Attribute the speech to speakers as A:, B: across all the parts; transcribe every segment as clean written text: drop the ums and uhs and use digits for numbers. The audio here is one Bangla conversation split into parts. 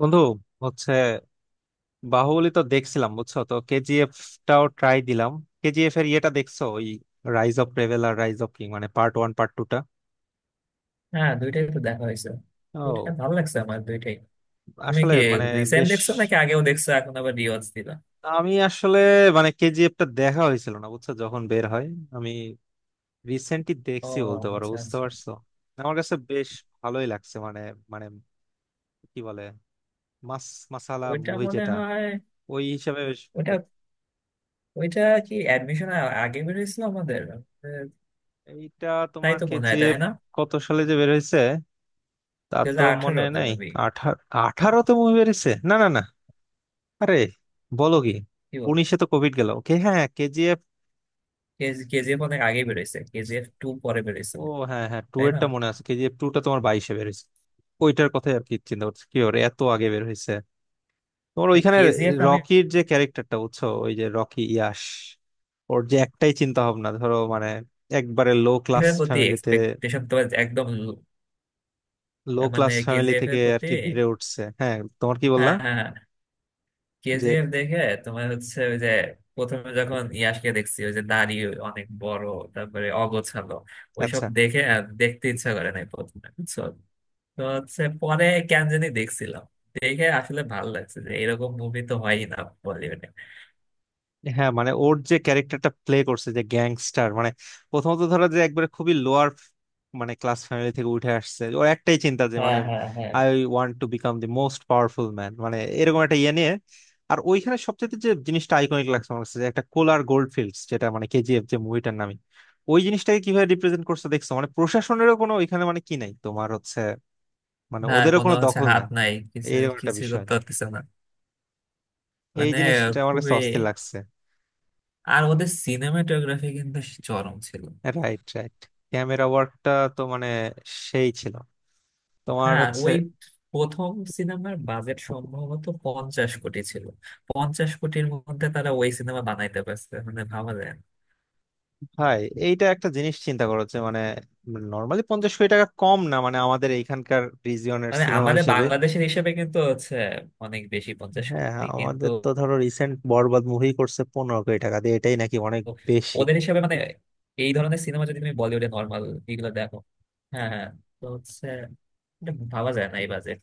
A: বন্ধু হচ্ছে, বাহুবলী তো দেখছিলাম, বুঝছো? তো কেজিএফ টাও ট্রাই দিলাম। কেজিএফ এর ইয়েটা দেখছো? ওই রাইজ অফ রেবেল আর রাইজ অফ কিং, মানে পার্ট ওয়ান পার্ট টু টা।
B: হ্যাঁ, দুইটাই তো দেখা হয়েছে। দুইটা
A: ও,
B: ভালো লাগছে আমার, দুইটাই। তুমি
A: আসলে
B: কি
A: মানে
B: রিসেন্ট
A: বেশ,
B: দেখছো নাকি আগেও দেখছো এখন আবার রিওয়াজ দিলা?
A: আমি আসলে মানে কেজিএফ টা দেখা হয়েছিল না, বুঝছো, যখন বের হয়। আমি রিসেন্টলি
B: ও,
A: দেখছি বলতে পারো,
B: আচ্ছা
A: বুঝতে
B: আচ্ছা।
A: পারছো? আমার কাছে বেশ ভালোই লাগছে মানে মানে কি বলে, মাস মাসালা
B: ওইটা
A: মুভি
B: মনে
A: যেটা,
B: হয়,
A: ওই হিসাবে বেশ।
B: ওইটা ওইটা কি অ্যাডমিশন আগে বেরিয়েছিল আমাদের,
A: এইটা
B: তাই
A: তোমার
B: তো মনে হয়, তাই
A: কেজিএফ
B: না?
A: কত সালে যে বের হয়েছে তা
B: দু
A: তো
B: হাজার
A: মনে
B: আঠারোতে
A: নাই।
B: মেবি।
A: আঠারো?
B: হ্যাঁ,
A: '18তে মুভি বেরিয়েছে? না, না, না। আরে বলো কি!
B: কি বলো,
A: '19এ তো কোভিড গেল। ওকে, হ্যাঁ কেজিএফ।
B: কেজিএফ অনেক আগে বেরিয়েছে, কেজিএফ টু পরে বেরিয়েছে,
A: ও, হ্যাঁ হ্যাঁ, টু
B: তাই না?
A: এরটা মনে আছে, কেজিএফ টু টা তোমার '22এ বেরিয়েছে। ওইটার কথাই আর কি চিন্তা করছি, কি ওর এত আগে বের হয়েছে। তোমার
B: না,
A: ওইখানে
B: কেজিএফ আমি,
A: রকির যে ক্যারেক্টারটা, বুঝছো, ওই যে রকি ইয়াশ, ওর যে একটাই চিন্তা ভাবনা, ধরো মানে একবারে লো
B: এর
A: ক্লাস
B: প্রতি
A: ফ্যামিলিতে,
B: এক্সপেকটেশন তো একদম
A: লো
B: মানে
A: ক্লাস ফ্যামিলি
B: কেজিএফ
A: থেকে
B: এর
A: আর
B: প্রতি।
A: কি বেড়ে উঠছে। হ্যাঁ, তোমার কি বললা?
B: হ্যাঁ হ্যাঁ হ্যাঁ।
A: যে
B: কেজিএফ দেখে তোমার হচ্ছে ওই যে, প্রথমে যখন ইয়াসকে দেখছি ওই যে দাড়ি অনেক বড়, তারপরে অগোছালো, ওইসব
A: আচ্ছা।
B: দেখে আর দেখতে ইচ্ছা করে নাই প্রথমে, বুঝছো। তো হচ্ছে পরে কেন জানি দেখছিলাম, দেখে আসলে ভালো লাগছে যে এরকম মুভি তো হয়ই না বলিউডে।
A: হ্যাঁ মানে ওর যে ক্যারেক্টারটা প্লে করছে, যে গ্যাংস্টার মানে, প্রথমত ধরো যে একবারে খুবই লোয়ার মানে ক্লাস ফ্যামিলি থেকে উঠে আসছে। ওর একটাই চিন্তা যে
B: হ্যাঁ
A: মানে,
B: হ্যাঁ হ্যাঁ।
A: I want to become the most powerful man, মানে এরকম একটা ইয়ে নিয়ে। আর ওইখানে সবচেয়ে যে জিনিসটা আইকনিক লাগছে আমার কাছে, যে একটা কোলার গোল্ড ফিল্ডস, যেটা মানে কেজিএফ, যে মুভিটার নামে। ওই জিনিসটাকে কিভাবে রিপ্রেজেন্ট করছে দেখছো, মানে প্রশাসনেরও কোনো ওইখানে মানে কি নাই, তোমার হচ্ছে, মানে
B: হ্যাঁ,
A: ওদেরও
B: কোনো
A: কোনো
B: হচ্ছে
A: দখল
B: হাত
A: নাই,
B: নাই, কিছু
A: এইরকম একটা
B: কিছু
A: বিষয়।
B: করতে পারতেছে না
A: এই
B: মানে।
A: জিনিসটা আমার
B: খুবই।
A: কাছে অস্থির লাগছে।
B: আর ওদের সিনেমাটোগ্রাফি কিন্তু চরম ছিল।
A: Right, right. ক্যামেরা ওয়ার্কটা তো মানে সেই ছিল তোমার
B: হ্যাঁ,
A: হচ্ছে।
B: ওই প্রথম সিনেমার বাজেট সম্ভবত 50 কোটি ছিল। 50 কোটির মধ্যে তারা ওই সিনেমা বানাইতে পারছে, মানে ভাবা যায় না।
A: ভাই, এইটা একটা জিনিস চিন্তা করো, যে মানে নর্মালি 50 কোটি টাকা কম না, মানে আমাদের এইখানকার রিজিয়নের
B: মানে
A: সিনেমা
B: আমাদের
A: হিসেবে।
B: বাংলাদেশের হিসেবে কিন্তু হচ্ছে অনেক বেশি, পঞ্চাশ
A: হ্যাঁ
B: কোটি কিন্তু।
A: আমাদের তো ধরো রিসেন্ট বরবাদ মুভি করছে 15 কোটি টাকা দিয়ে, এটাই নাকি অনেক বেশি।
B: ওদের হিসেবে মানে এই ধরনের সিনেমা যদি তুমি বলিউডে নর্মাল এগুলো দেখো। হ্যাঁ হ্যাঁ। তো হচ্ছে এটা ভাবা যায় না, এই বাজেট,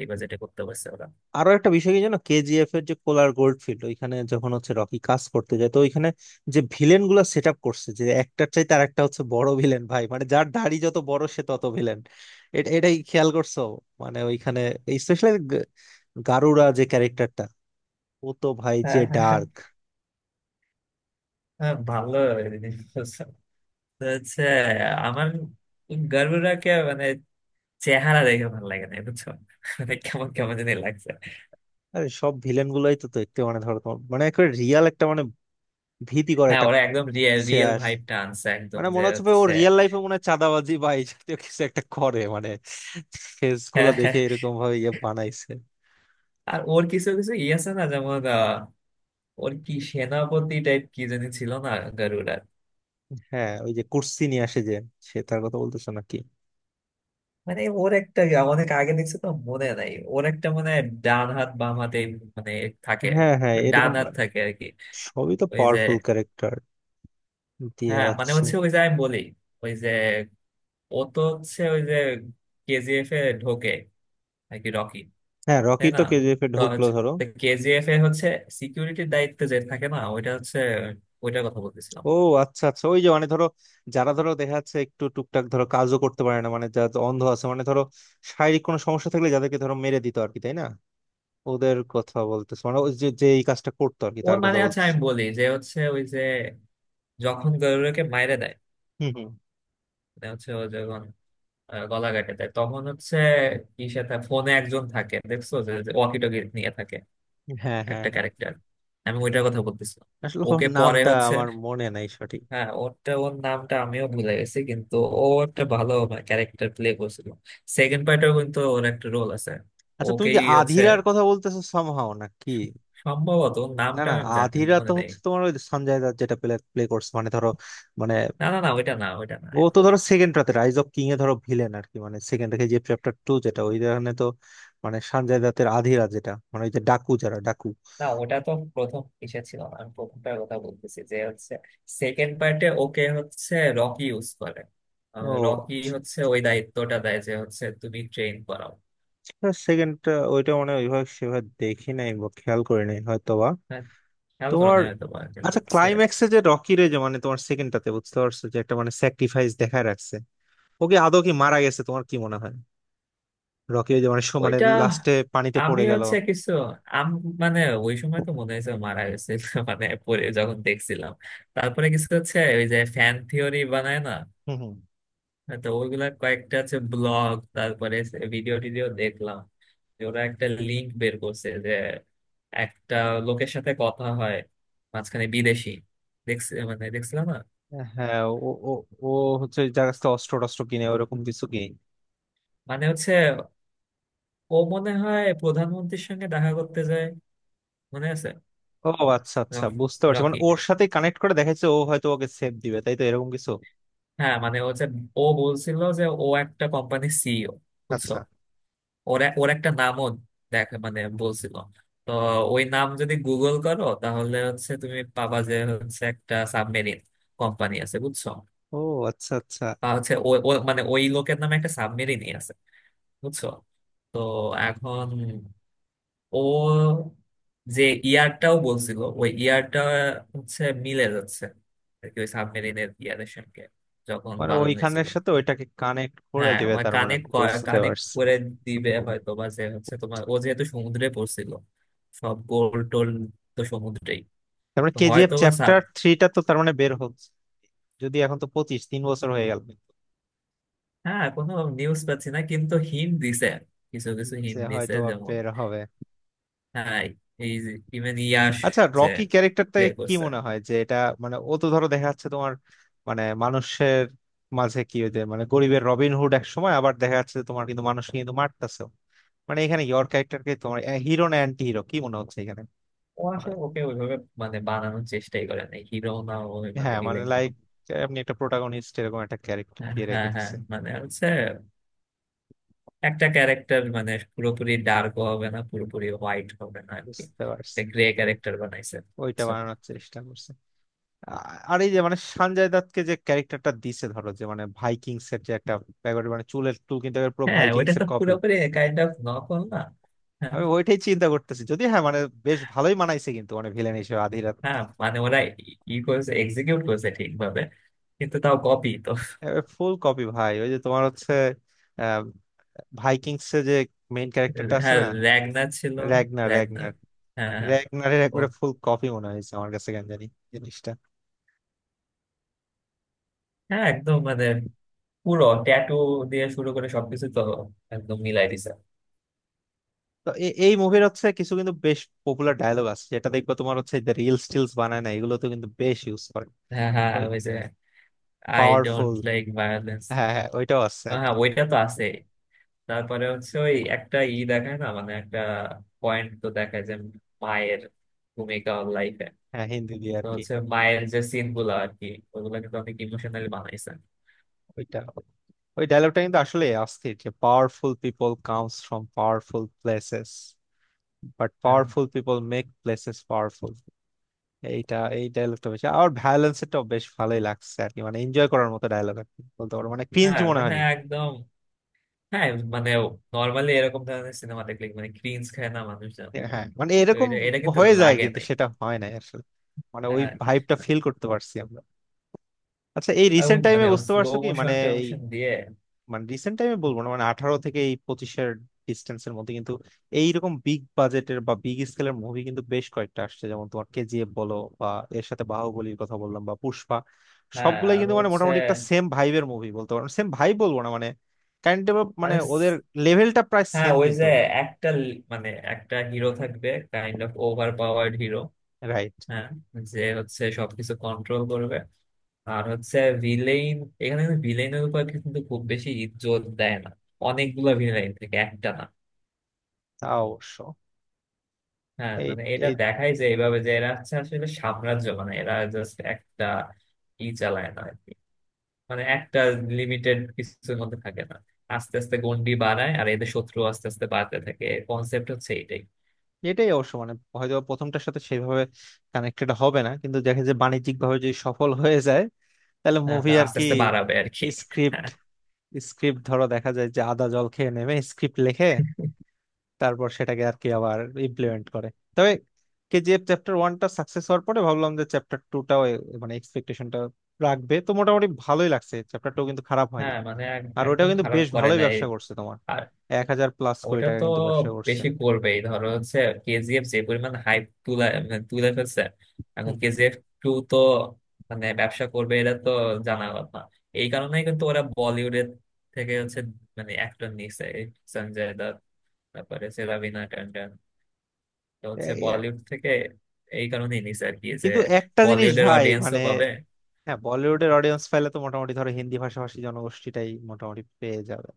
B: এই বাজেটে করতে পারছে ওরা।
A: আরো একটা বিষয় কি জানো, কেজিএফ এর যে কোলার গোল্ডফিল্ড, ওইখানে যখন হচ্ছে রকি কাজ করতে যায়, তো ওইখানে যে ভিলেন গুলা সেট আপ করছে, যে একটার চাই তার একটা হচ্ছে বড় ভিলেন। ভাই মানে যার দাড়ি যত বড় সে তত ভিলেন, এটাই খেয়াল করছো? মানে ওইখানে স্পেশালি গারুরা যে ক্যারেক্টারটা, ও তো ভাই যে
B: হ্যাঁ হ্যাঁ হ্যাঁ।
A: ডার্ক।
B: হ্যাঁ, ভালো জিনিস বলছেন। তো হচ্ছে আমার গার্লফ্রেন্ডকে মানে, চেহারা দেখে ভালো লাগে না, বুঝছো, মানে কেমন কেমন জানি লাগছে।
A: আরে সব ভিলেন গুলাই তো দেখতে মানে ধরো তোমার মানে একেবারে রিয়াল একটা, মানে ভীতিকর
B: হ্যাঁ,
A: একটা,
B: ওরা একদম রিয়েল রিয়েল
A: শেয়ার,
B: ভাইবটা আনছে একদম,
A: মানে
B: যে
A: মনে হচ্ছে ভাই ও
B: হচ্ছে।
A: রিয়েল লাইফে মনে হয় চাঁদাবাজি বা এই জাতীয় কিছু একটা করে, মানে ফেস গুলা
B: হ্যাঁ, হ্যাঁ।
A: দেখে এরকম ভাবে ইয়ে বানাইছে।
B: আর ওর কিছু কিছু ই আছে না, যেমন ওর কি সেনাপতি টাইপ কি জানি ছিল না, গারুডার।
A: হ্যাঁ ওই যে কুর্সি নিয়ে আসে, যে সে তার কথা বলতেছে নাকি?
B: মানে ওর একটা, অনেক আগে দেখছি তো মনে নাই, ওর একটা মানে ডান হাত বাম হাতে মানে থাকে।
A: হ্যাঁ হ্যাঁ
B: ডান
A: এরকম,
B: হাত থাকে আর কি।
A: সবই তো
B: ওই যে,
A: পাওয়ারফুল ক্যারেক্টার দিয়ে
B: হ্যাঁ মানে
A: রাখছে।
B: হচ্ছে ওই যে আমি বলি, ওই যে, ও তো হচ্ছে ওই যে, কেজিএফ এ ঢোকে নাকি রকি,
A: হ্যাঁ
B: তাই
A: রকি
B: না?
A: তো কেজিএফ এ
B: তো
A: ঢুকলো ধরো।
B: কেজিএফ এ হচ্ছে সিকিউরিটির দায়িত্বে যে থাকে না, ওইটা হচ্ছে, ওইটার কথা বলতেছিলাম।
A: ও আচ্ছা আচ্ছা, ওই যে মানে ধরো যারা ধরো দেখা যাচ্ছে একটু টুকটাক ধরো কাজও করতে পারে না, মানে যারা অন্ধ আছে, মানে ধরো শারীরিক কোনো সমস্যা থাকলে যাদেরকে ধরো মেরে দিত আর কি, তাই না? ওদের কথা বলতেছে, মানে ওই যে যে এই কাজটা করতো আর কি,
B: ও
A: তার কথা
B: মানে আচ্ছা,
A: বলতেছে।
B: আমি বলি যে হচ্ছে ওই যে, যখন গরুরকে মাইরে দেয়,
A: হুম হুম।
B: মানে হচ্ছে ও যখন গলা কাটে দেয়, তখন হচ্ছে কি সাথে ফোনে একজন থাকে দেখছো, যে ওয়াকি টকি নিয়ে থাকে,
A: হ্যাঁ হ্যাঁ
B: একটা
A: হ্যাঁ।
B: ক্যারেক্টার, আমি ওইটার কথা বলতেছিলাম।
A: আসলে ওর
B: ওকে পরে
A: নামটা
B: হচ্ছে,
A: আমার মনে নাই সঠিক।
B: হ্যাঁ ওরটা, ওর নামটা আমিও ভুলে গেছি, কিন্তু ও একটা ভালো ক্যারেক্টার প্লে করছিল। সেকেন্ড পার্টেও কিন্তু ওর একটা রোল আছে।
A: আচ্ছা তুমি কি
B: ওকেই হচ্ছে,
A: আধিরার কথা বলতেছো সামহাও, না কি?
B: সম্ভবত ওর
A: না
B: নামটা
A: না,
B: আমি জানি,
A: আধিরা তো
B: মনে নেই।
A: হচ্ছে তোমার ওই সঞ্জয় দত্ত যেটা প্লে প্লে করছে, মানে ধরো মানে
B: না না না, ওইটা না ওইটা না,
A: ও
B: আমি
A: তো
B: বলি,
A: ধরো সেকেন্ড রাতে রাইজ অফ কিং এ ধরো ভিলেন আর কি, মানে সেকেন্ড রেখে যে চ্যাপ্টার টু যেটা, ওই ধরনের তো। মানে সঞ্জয় দত্তের আধিরা যেটা, মানে ওই যে ডাকু, যারা ডাকু।
B: না ওটা তো প্রথম ইসে ছিল না, আমি প্রথমটার কথা বলতেছি যে হচ্ছে সেকেন্ড পার্টে ওকে হচ্ছে রকি ইউজ করে।
A: ও,
B: রকি হচ্ছে ওই দায়িত্বটা দেয় যে হচ্ছে তুমি ট্রেন করাও।
A: সেকেন্ড, ওইটা মানে ওইভাবে সেভাবে দেখি নাই বা খেয়াল করি নাই হয়তোবা।
B: হ্যাঁ, খেয়াল করো
A: তোমার
B: না হয়তো বা, কিন্তু
A: আচ্ছা
B: হচ্ছে
A: ক্লাইম্যাক্সে যে রকিরে যে মানে তোমার সেকেন্ডটাতে, বুঝতে পারছো, যে একটা মানে স্যাক্রিফাইস দেখায় রাখছে, ওকে আদৌ কি মারা গেছে তোমার কি মনে হয়? রকি ওই যে মানে মানে
B: ওইটা,
A: লাস্টে পানিতে
B: আমি
A: পড়ে গেল।
B: হচ্ছে কিছু, আম, মানে ওই সময় তো মনে হয়েছে মারা গেছে মানে পরে যখন দেখছিলাম, তারপরে কিছু হচ্ছে ওই যে ফ্যান থিওরি বানায় না,
A: হুম হুম।
B: তো ওইগুলা কয়েকটা হচ্ছে ব্লগ, তারপরে ভিডিও টিডিও দেখলাম, যে ওরা একটা লিংক বের করছে, যে একটা লোকের সাথে কথা হয় মাঝখানে, বিদেশি, দেখছি মানে দেখছিলাম না,
A: হ্যাঁ, ও ও, ও হচ্ছে যার কাছ থেকে অস্ত্র টস্ত্র কিনে ওরকম কিছু কিনে।
B: মানে হচ্ছে ও মনে হয় প্রধানমন্ত্রীর সঙ্গে দেখা করতে যায়, মনে আছে।
A: ও আচ্ছা আচ্ছা,
B: রকি
A: বুঝতে পারছি, মানে
B: রকি
A: ওর সাথে কানেক্ট করে দেখাচ্ছে, ও হয়তো ওকে সেভ দিবে, তাই তো এরকম কিছু।
B: হ্যাঁ মানে ও যে, ও বলছিল যে ও একটা কোম্পানি সিইও, বুঝছো।
A: আচ্ছা।
B: ওর একটা নামও দেখে মানে বলছিল। তো ওই নাম যদি গুগল করো, তাহলে হচ্ছে তুমি পাবা যে হচ্ছে একটা সাবমেরিন কোম্পানি আছে, বুঝছো।
A: ও আচ্ছা আচ্ছা,
B: আর হচ্ছে ও ও- মানে ওই লোকের নামে একটা সাবমেরিনই আছে, বুঝছো। তো এখন ও যে ইয়ারটাও বলছিল, ওই ইয়ারটা হচ্ছে মিলে যাচ্ছে আর কি, ওই সাবমেরিনের ইয়ারের সঙ্গে, যখন
A: মানে
B: বানানো
A: ওইখানের
B: হয়েছিল।
A: সাথে ওইটাকে কানেক্ট করে
B: হ্যাঁ
A: দিবে,
B: মানে
A: তার মানে
B: কানেক্ট
A: বুঝতে
B: কানেক্ট
A: পারছি।
B: করে দিবে হয়তো বা, যে হচ্ছে তোমার ও যেহেতু সমুদ্রে পড়ছিল সব গোল টোল, তো সমুদ্রেই।
A: তারপরে
B: তো
A: কেজিএফ
B: হয়তো বা সাব,
A: চ্যাপ্টার থ্রিটা তো তার মানে বের হচ্ছে, যদি এখন, তো 25, 3 বছর হয়ে গেল
B: হ্যাঁ কোনো নিউজ পাচ্ছি না, কিন্তু হিন্ট দিছে, কিছু কিছু
A: যে
B: হিন্ট দিছে,
A: হয়তো
B: যেমন
A: বের হবে।
B: হ্যাঁ এই যে ইভেন ইয়াশ
A: আচ্ছা,
B: যে
A: রকি ক্যারেক্টারটা
B: প্লে
A: কি
B: করছে,
A: মনে হয় যে এটা, মানে ও তো ধরো দেখা যাচ্ছে তোমার মানে মানুষের মাঝে কি ওই যে মানে গরিবের রবিনহুড এক সময়, আবার দেখা যাচ্ছে যে তোমার কিন্তু মানুষ কিন্তু মারতেছে, মানে এখানে ইয়র ক্যারেক্টারকে তোমার হিরো না অ্যান্টি হিরো কি মনে হচ্ছে এখানে?
B: ও আসলে
A: মানে-
B: ওকে ওইভাবে মানে বানানোর চেষ্টাই করে নাই, হিরো না ও, মানে
A: হ্যাঁ মানে
B: ভিলেন না।
A: লাইক আপনি একটা প্রোটাগনিস্ট এরকম একটা ক্যারেক্টার
B: হ্যাঁ
A: দিয়ে
B: হ্যাঁ
A: রেখে
B: হ্যাঁ,
A: দিচ্ছে।
B: মানে হচ্ছে একটা ক্যারেক্টার মানে পুরোপুরি ডার্ক হবে না, পুরোপুরি হোয়াইট হবে না আর কি,
A: বুঝতে পারছি,
B: একটা গ্রে
A: তো
B: ক্যারেক্টার বানাইছে।
A: ওইটা
B: So,
A: বানানোর চেষ্টা করছে। আ- আর এই যে মানে সঞ্জয় দত্তকে যে ক্যারেক্টারটা দিছে ধরো, যে মানে ভাইকিংস এর যে একটা ব্যাপার মানে চুলের চুল কিন্তু একেবারে পুরো
B: হ্যাঁ ওইটা
A: ভাইকিংস এর
B: তো
A: কপি।
B: পুরোপুরি কাইন্ড অফ নকল না। হ্যাঁ
A: আমি ওইটাই চিন্তা করতেছি, যদি হ্যাঁ মানে বেশ ভালোই মানাইছে কিন্তু মানে ভিলেন হিসেবে আধিরাত।
B: হ্যাঁ, মানে ওরা ই ই করছে, এক্সিকিউট করছে ঠিকভাবে, কিন্তু তাও কপি তো।
A: ফুল কপি ভাই, ওই যে তোমার হচ্ছে আহ, ভাইকিংস এর যে মেইন ক্যারেক্টারটা আছে
B: হ্যাঁ,
A: না,
B: র্যাগনার ছিল,
A: র্যাগনার
B: র্যাগনার
A: র্যাগনার।
B: হ্যাঁ হ্যাঁ।
A: র্যাগনারের
B: ও
A: একবারে ফুল কপি মনে হয়েছে আমার কাছে কেন জানি জিনিসটা।
B: হ্যাঁ, একদম মানে পুরো ট্যাটু দিয়ে শুরু করে সবকিছু তো, একদম মিলাই দিছে।
A: তো এই মুভির হচ্ছে কিছু কিন্তু বেশ পপুলার ডায়লগ আছে, যেটা দেখবো তোমার হচ্ছে রিলস টিলস বানায় না, এগুলো তো কিন্তু বেশ ইউজ করে।
B: হ্যাঁ হ্যাঁ, ওই যে, I don't
A: powerful,
B: like violence.
A: হ্যাঁ হ্যাঁ ওইটাও আছে আর
B: হ্যাঁ
A: কি।
B: ওইটা তো আছে। তারপরে হচ্ছে ওই একটা ই দেখায় না, মানে একটা পয়েন্ট তো দেখায়, যে মায়ের ভূমিকা লাইফে।
A: হ্যাঁ হিন্দি দিয়ে
B: তো
A: আর কি।
B: হচ্ছে মায়ের যে সিন গুলো আর কি, ওগুলো কিন্তু অনেক ইমোশনালি বানাইছে।
A: ওইটা, ওই ডায়লগটা কিন্তু আসলে অস্থির, যে powerful people comes from powerful places, but
B: হ্যাঁ
A: powerful people make places powerful. এইটা, এই ডায়লগটা বেশি আর ভ্যালেন্স এটাও বেশ ভালোই লাগছে আর কি, মানে এনজয় করার মতো ডায়লগ আর কি বলতে পারো, মানে ক্রিঞ্জ
B: হ্যাঁ
A: মনে
B: মানে
A: হয়নি।
B: একদম। হ্যাঁ, মানে নর্মালি এরকম ধরনের সিনেমা দেখলে মানে ক্রিঞ্জ খায় না মানুষজন,
A: হ্যাঁ মানে
B: তো
A: এরকম
B: এটা এটা কিন্তু
A: হয়ে যায়
B: লাগে
A: কিন্তু
B: নাই।
A: সেটা হয় না আসলে, মানে ওই
B: হ্যাঁ,
A: ভাইবটা ফিল করতে পারছি আমরা। আচ্ছা এই
B: আর
A: রিসেন্ট
B: ওই
A: টাইমে
B: মানে
A: বুঝতে
B: স্লো
A: পারছো কি মানে,
B: মোশন টোশন দিয়ে।
A: মানে রিসেন্ট টাইমে বলবো না, মানে '18 থেকে এই '25এর ডিস্টেন্সের মধ্যে কিন্তু এইরকম বিগ বাজেটের বা বিগ স্কেলের মুভি কিন্তু বেশ কয়েকটা আসছে, যেমন তোমার কেজিএফ বলো, বা এর সাথে বাহুবলীর কথা বললাম, বা পুষ্পা।
B: হ্যাঁ
A: সবগুলাই
B: আর
A: কিন্তু মানে
B: হচ্ছে
A: মোটামুটি একটা সেম ভাইবের মুভি বলতে পারো, সেম ভাই বলবো না, মানে কাইন্ড অফ মানে
B: মানে
A: ওদের লেভেলটা প্রায়
B: হ্যাঁ,
A: সেম
B: ওই যে
A: কিন্তু।
B: একটা মানে একটা হিরো থাকবে, kind of over powered hero.
A: Right,
B: হ্যাঁ, যে হচ্ছে সবকিছু কন্ট্রোল করবে। আর হচ্ছে ভিলেইন, এখানে ভিলেইনের উপর কিন্তু খুব বেশি ইজ্জত দেয় না, অনেকগুলা ভিলেইন থেকে একটা না।
A: তা অবশ্য।
B: হ্যাঁ
A: এই
B: মানে এটা
A: এই
B: দেখাই, যে এইভাবে যে এরা হচ্ছে আসলে সাম্রাজ্য, মানে এরা জাস্ট একটা ই চালায় না আর কি, মানে একটা লিমিটেড কিছুর মধ্যে থাকে না, আস্তে আস্তে গন্ডি বাড়ায়, আর এদের শত্রু আস্তে আস্তে বাড়তে থাকে, কনসেপ্ট হচ্ছে এটাই।
A: এটাই অবশ্য মানে হয়তো প্রথমটার সাথে সেইভাবে কানেক্টেড হবে না, কিন্তু দেখে যে বাণিজ্যিক ভাবে যদি সফল হয়ে যায়, তাহলে
B: হ্যাঁ
A: মুভি
B: তা
A: আর
B: আস্তে
A: কি।
B: আস্তে বাড়াবে আর কি।
A: স্ক্রিপ্ট
B: হ্যাঁ
A: স্ক্রিপ্ট ধরো দেখা যায় যে আদা জল খেয়ে নেমে স্ক্রিপ্ট লেখে, তারপর সেটাকে আর কি আবার ইমপ্লিমেন্ট করে। তবে কেজিএফ চ্যাপ্টার ওয়ানটা সাকসেস হওয়ার পরে ভাবলাম যে চ্যাপ্টার টুটাও মানে এক্সপেকটেশনটা রাখবে, তো মোটামুটি ভালোই লাগছে, চ্যাপ্টার টু কিন্তু খারাপ হয়নি।
B: হ্যাঁ, মানে
A: আর ওটাও
B: একদম
A: কিন্তু
B: খারাপ
A: বেশ
B: করে
A: ভালোই
B: না এই।
A: ব্যবসা করছে তোমার, 1,000+ কোটি
B: ওটা
A: টাকা
B: তো
A: কিন্তু ব্যবসা করছে।
B: বেশি করবেই, ধরো হচ্ছে কেজিএফ যে পরিমাণ হাইপ তুলে মানে তুলে ফেলছে, এখন
A: হুম।
B: কেজিএফ টু তো মানে ব্যবসা করবে, এটা তো জানা কথা। এই কারণেই কিন্তু ওরা বলিউডের থেকে হচ্ছে মানে অ্যাক্টর নিচ্ছে, এই সঞ্জয় দত্ত, তারপরে হচ্ছে রবিনা ট্যান্ডন, তো হচ্ছে
A: এই, আহ,
B: বলিউড থেকে এই কারণেই নিচ্ছে আর কি, যে
A: কিন্তু একটা জিনিস
B: বলিউডের
A: ভাই মানে,
B: অডিয়েন্সও পাবে।
A: হ্যাঁ বলিউডের অডিয়েন্স পাইলে তো মোটামুটি ধরো হিন্দি ভাষাভাষী জনগোষ্ঠীটাই মোটামুটি পেয়ে যাবে।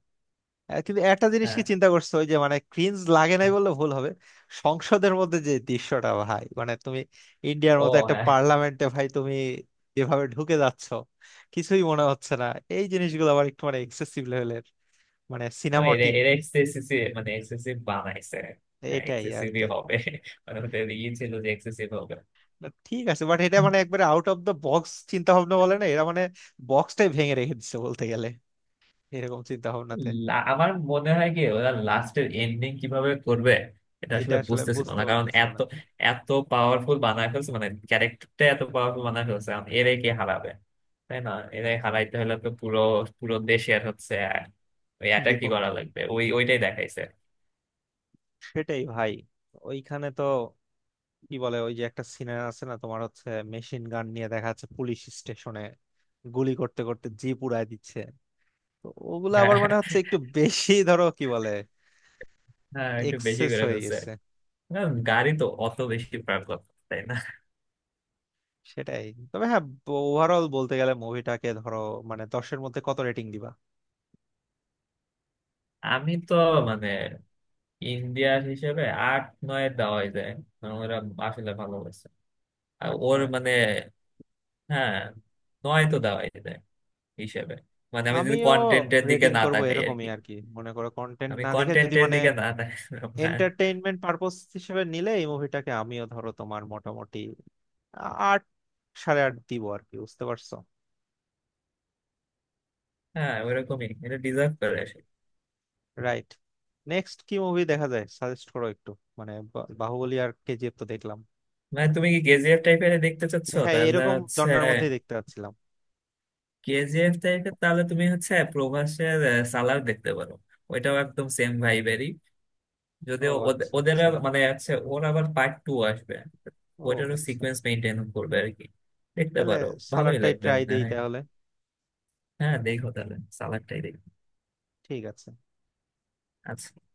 A: আহ, কিন্তু একটা জিনিস কি
B: হ্যাঁ,
A: চিন্তা করছো, ওই যে মানে ক্রিঞ্জ লাগে নাই বললে ভুল হবে। সংসদের মধ্যে যে দৃশ্যটা ভাই, মানে তুমি ইন্ডিয়ার
B: ও
A: মতো একটা
B: হ্যাঁ।
A: পার্লামেন্টে ভাই তুমি যেভাবে ঢুকে যাচ্ছ কিছুই মনে হচ্ছে না। এই জিনিসগুলো আবার একটু মানে এক্সেসিভ লেভেলের, মানে
B: তো এরা
A: সিনেমাটিক,
B: এরা এক্সেসিভ মানে এক্সেসিভ বানাইছে। হ্যাঁ
A: এটাই আর
B: এক্সেসিভই
A: কি।
B: হবে, মানে ওদের ই ছিল যে এক্সেসিভ।
A: But ঠিক আছে, বাট এটা মানে একবারে আউট অফ দ্য বক্স চিন্তা ভাবনা বলে না, এরা মানে বক্সটাই ভেঙে রেখে দিচ্ছে বলতে গেলে এরকম চিন্তা ভাবনাতে।
B: আমার মনে হয় কি, ওরা লাস্টের এন্ডিং কিভাবে করবে এটা
A: এটা
B: আসলে
A: আসলে
B: বুঝতেছিল
A: বুঝতে
B: না, কারণ
A: পারতেছে
B: এত
A: না
B: এত পাওয়ারফুল বানায় ফেলছে, মানে ক্যারেক্টারটা এত পাওয়ারফুল বানায় ফেলছে, এখন এরাই কে হারাবে, তাই না? এরাই হারাইতে হলে তো পুরো, পুরো দেশে আর হচ্ছে ওই অ্যাটাকই
A: বিপক্ষ।
B: করা লাগবে, ওই ওইটাই দেখাইছে।
A: সেটাই ভাই, ওইখানে তো কি বলে, ওই যে একটা সিনার আছে না তোমার হচ্ছে, মেশিন গান নিয়ে দেখা যাচ্ছে পুলিশ স্টেশনে গুলি করতে করতে জিপ উড়ায় দিচ্ছে, তো ওগুলো আবার
B: হ্যাঁ
A: মানে হচ্ছে একটু বেশি ধরো কি বলে,
B: হ্যাঁ, একটু বেশি
A: এক্সেস
B: করে
A: হয়ে
B: ফেলছে।
A: গেছে।
B: না, গাড়ি তো অত বেশি পারলাম, তাই না?
A: সেটাই। তবে হ্যাঁ, ওভারঅল বলতে গেলে মুভিটাকে ধরো মানে 10এর মধ্যে কত রেটিং দিবা?
B: আমি তো মানে ইন্ডিয়ার হিসেবে 8-9 দেওয়াই যায়, কারণ ওরা আসলে ভালো হয়েছে আর
A: আট
B: ওর
A: নয়
B: মানে। হ্যাঁ, নয় তো দেওয়াই যায় হিসেবে, মানে আমি যদি
A: আমিও
B: কন্টেন্টের দিকে
A: রেটিং
B: না
A: করব
B: তাকাই আর
A: এরকমই
B: কি।
A: আর কি, মনে করো কন্টেন্ট
B: আমি
A: না দেখে যদি
B: কন্টেন্টের
A: মানে
B: দিকে না তাকাই। হ্যাঁ
A: এন্টারটেইনমেন্ট পারপোজ হিসেবে নিলে এই মুভিটাকে আমিও ধরো তোমার মোটামুটি 8, 8.5 দিব আর কি, বুঝতে পারছো?
B: হ্যাঁ, ওরকমই এটা ডিজার্ভ করে আসে।
A: রাইট। নেক্সট কি মুভি দেখা যায় সাজেস্ট করো একটু, মানে বাহুবলী আর কেজিএফ তো দেখলাম।
B: মানে তুমি কি কেজিএফ টাইপের দেখতে চাচ্ছো?
A: হ্যাঁ
B: তাহলে
A: এরকম
B: হচ্ছে
A: জনরার মধ্যেই দেখতে পাচ্ছিলাম।
B: কেজিএফ টাইপের, তাহলে তুমি হচ্ছে প্রভাসের সালার দেখতে পারো। ওইটাও একদম সেম ভাইবেরই,
A: ও
B: যদিও
A: আচ্ছা
B: ওদের
A: আচ্ছা,
B: আর মানে আছে, ওর আবার পার্ট টু আসবে।
A: ও
B: ওইটারও
A: আচ্ছা।
B: সিকোয়েন্স মেনটেন করবে আর কি, দেখতে
A: তাহলে
B: পারো, ভালোই
A: সালাডটাই
B: লাগবে
A: ট্রাই
B: মনে
A: দেই
B: হয়।
A: তাহলে।
B: হ্যাঁ দেখো তাহলে, সালাডটাই দেখো।
A: ঠিক আছে।
B: আচ্ছা।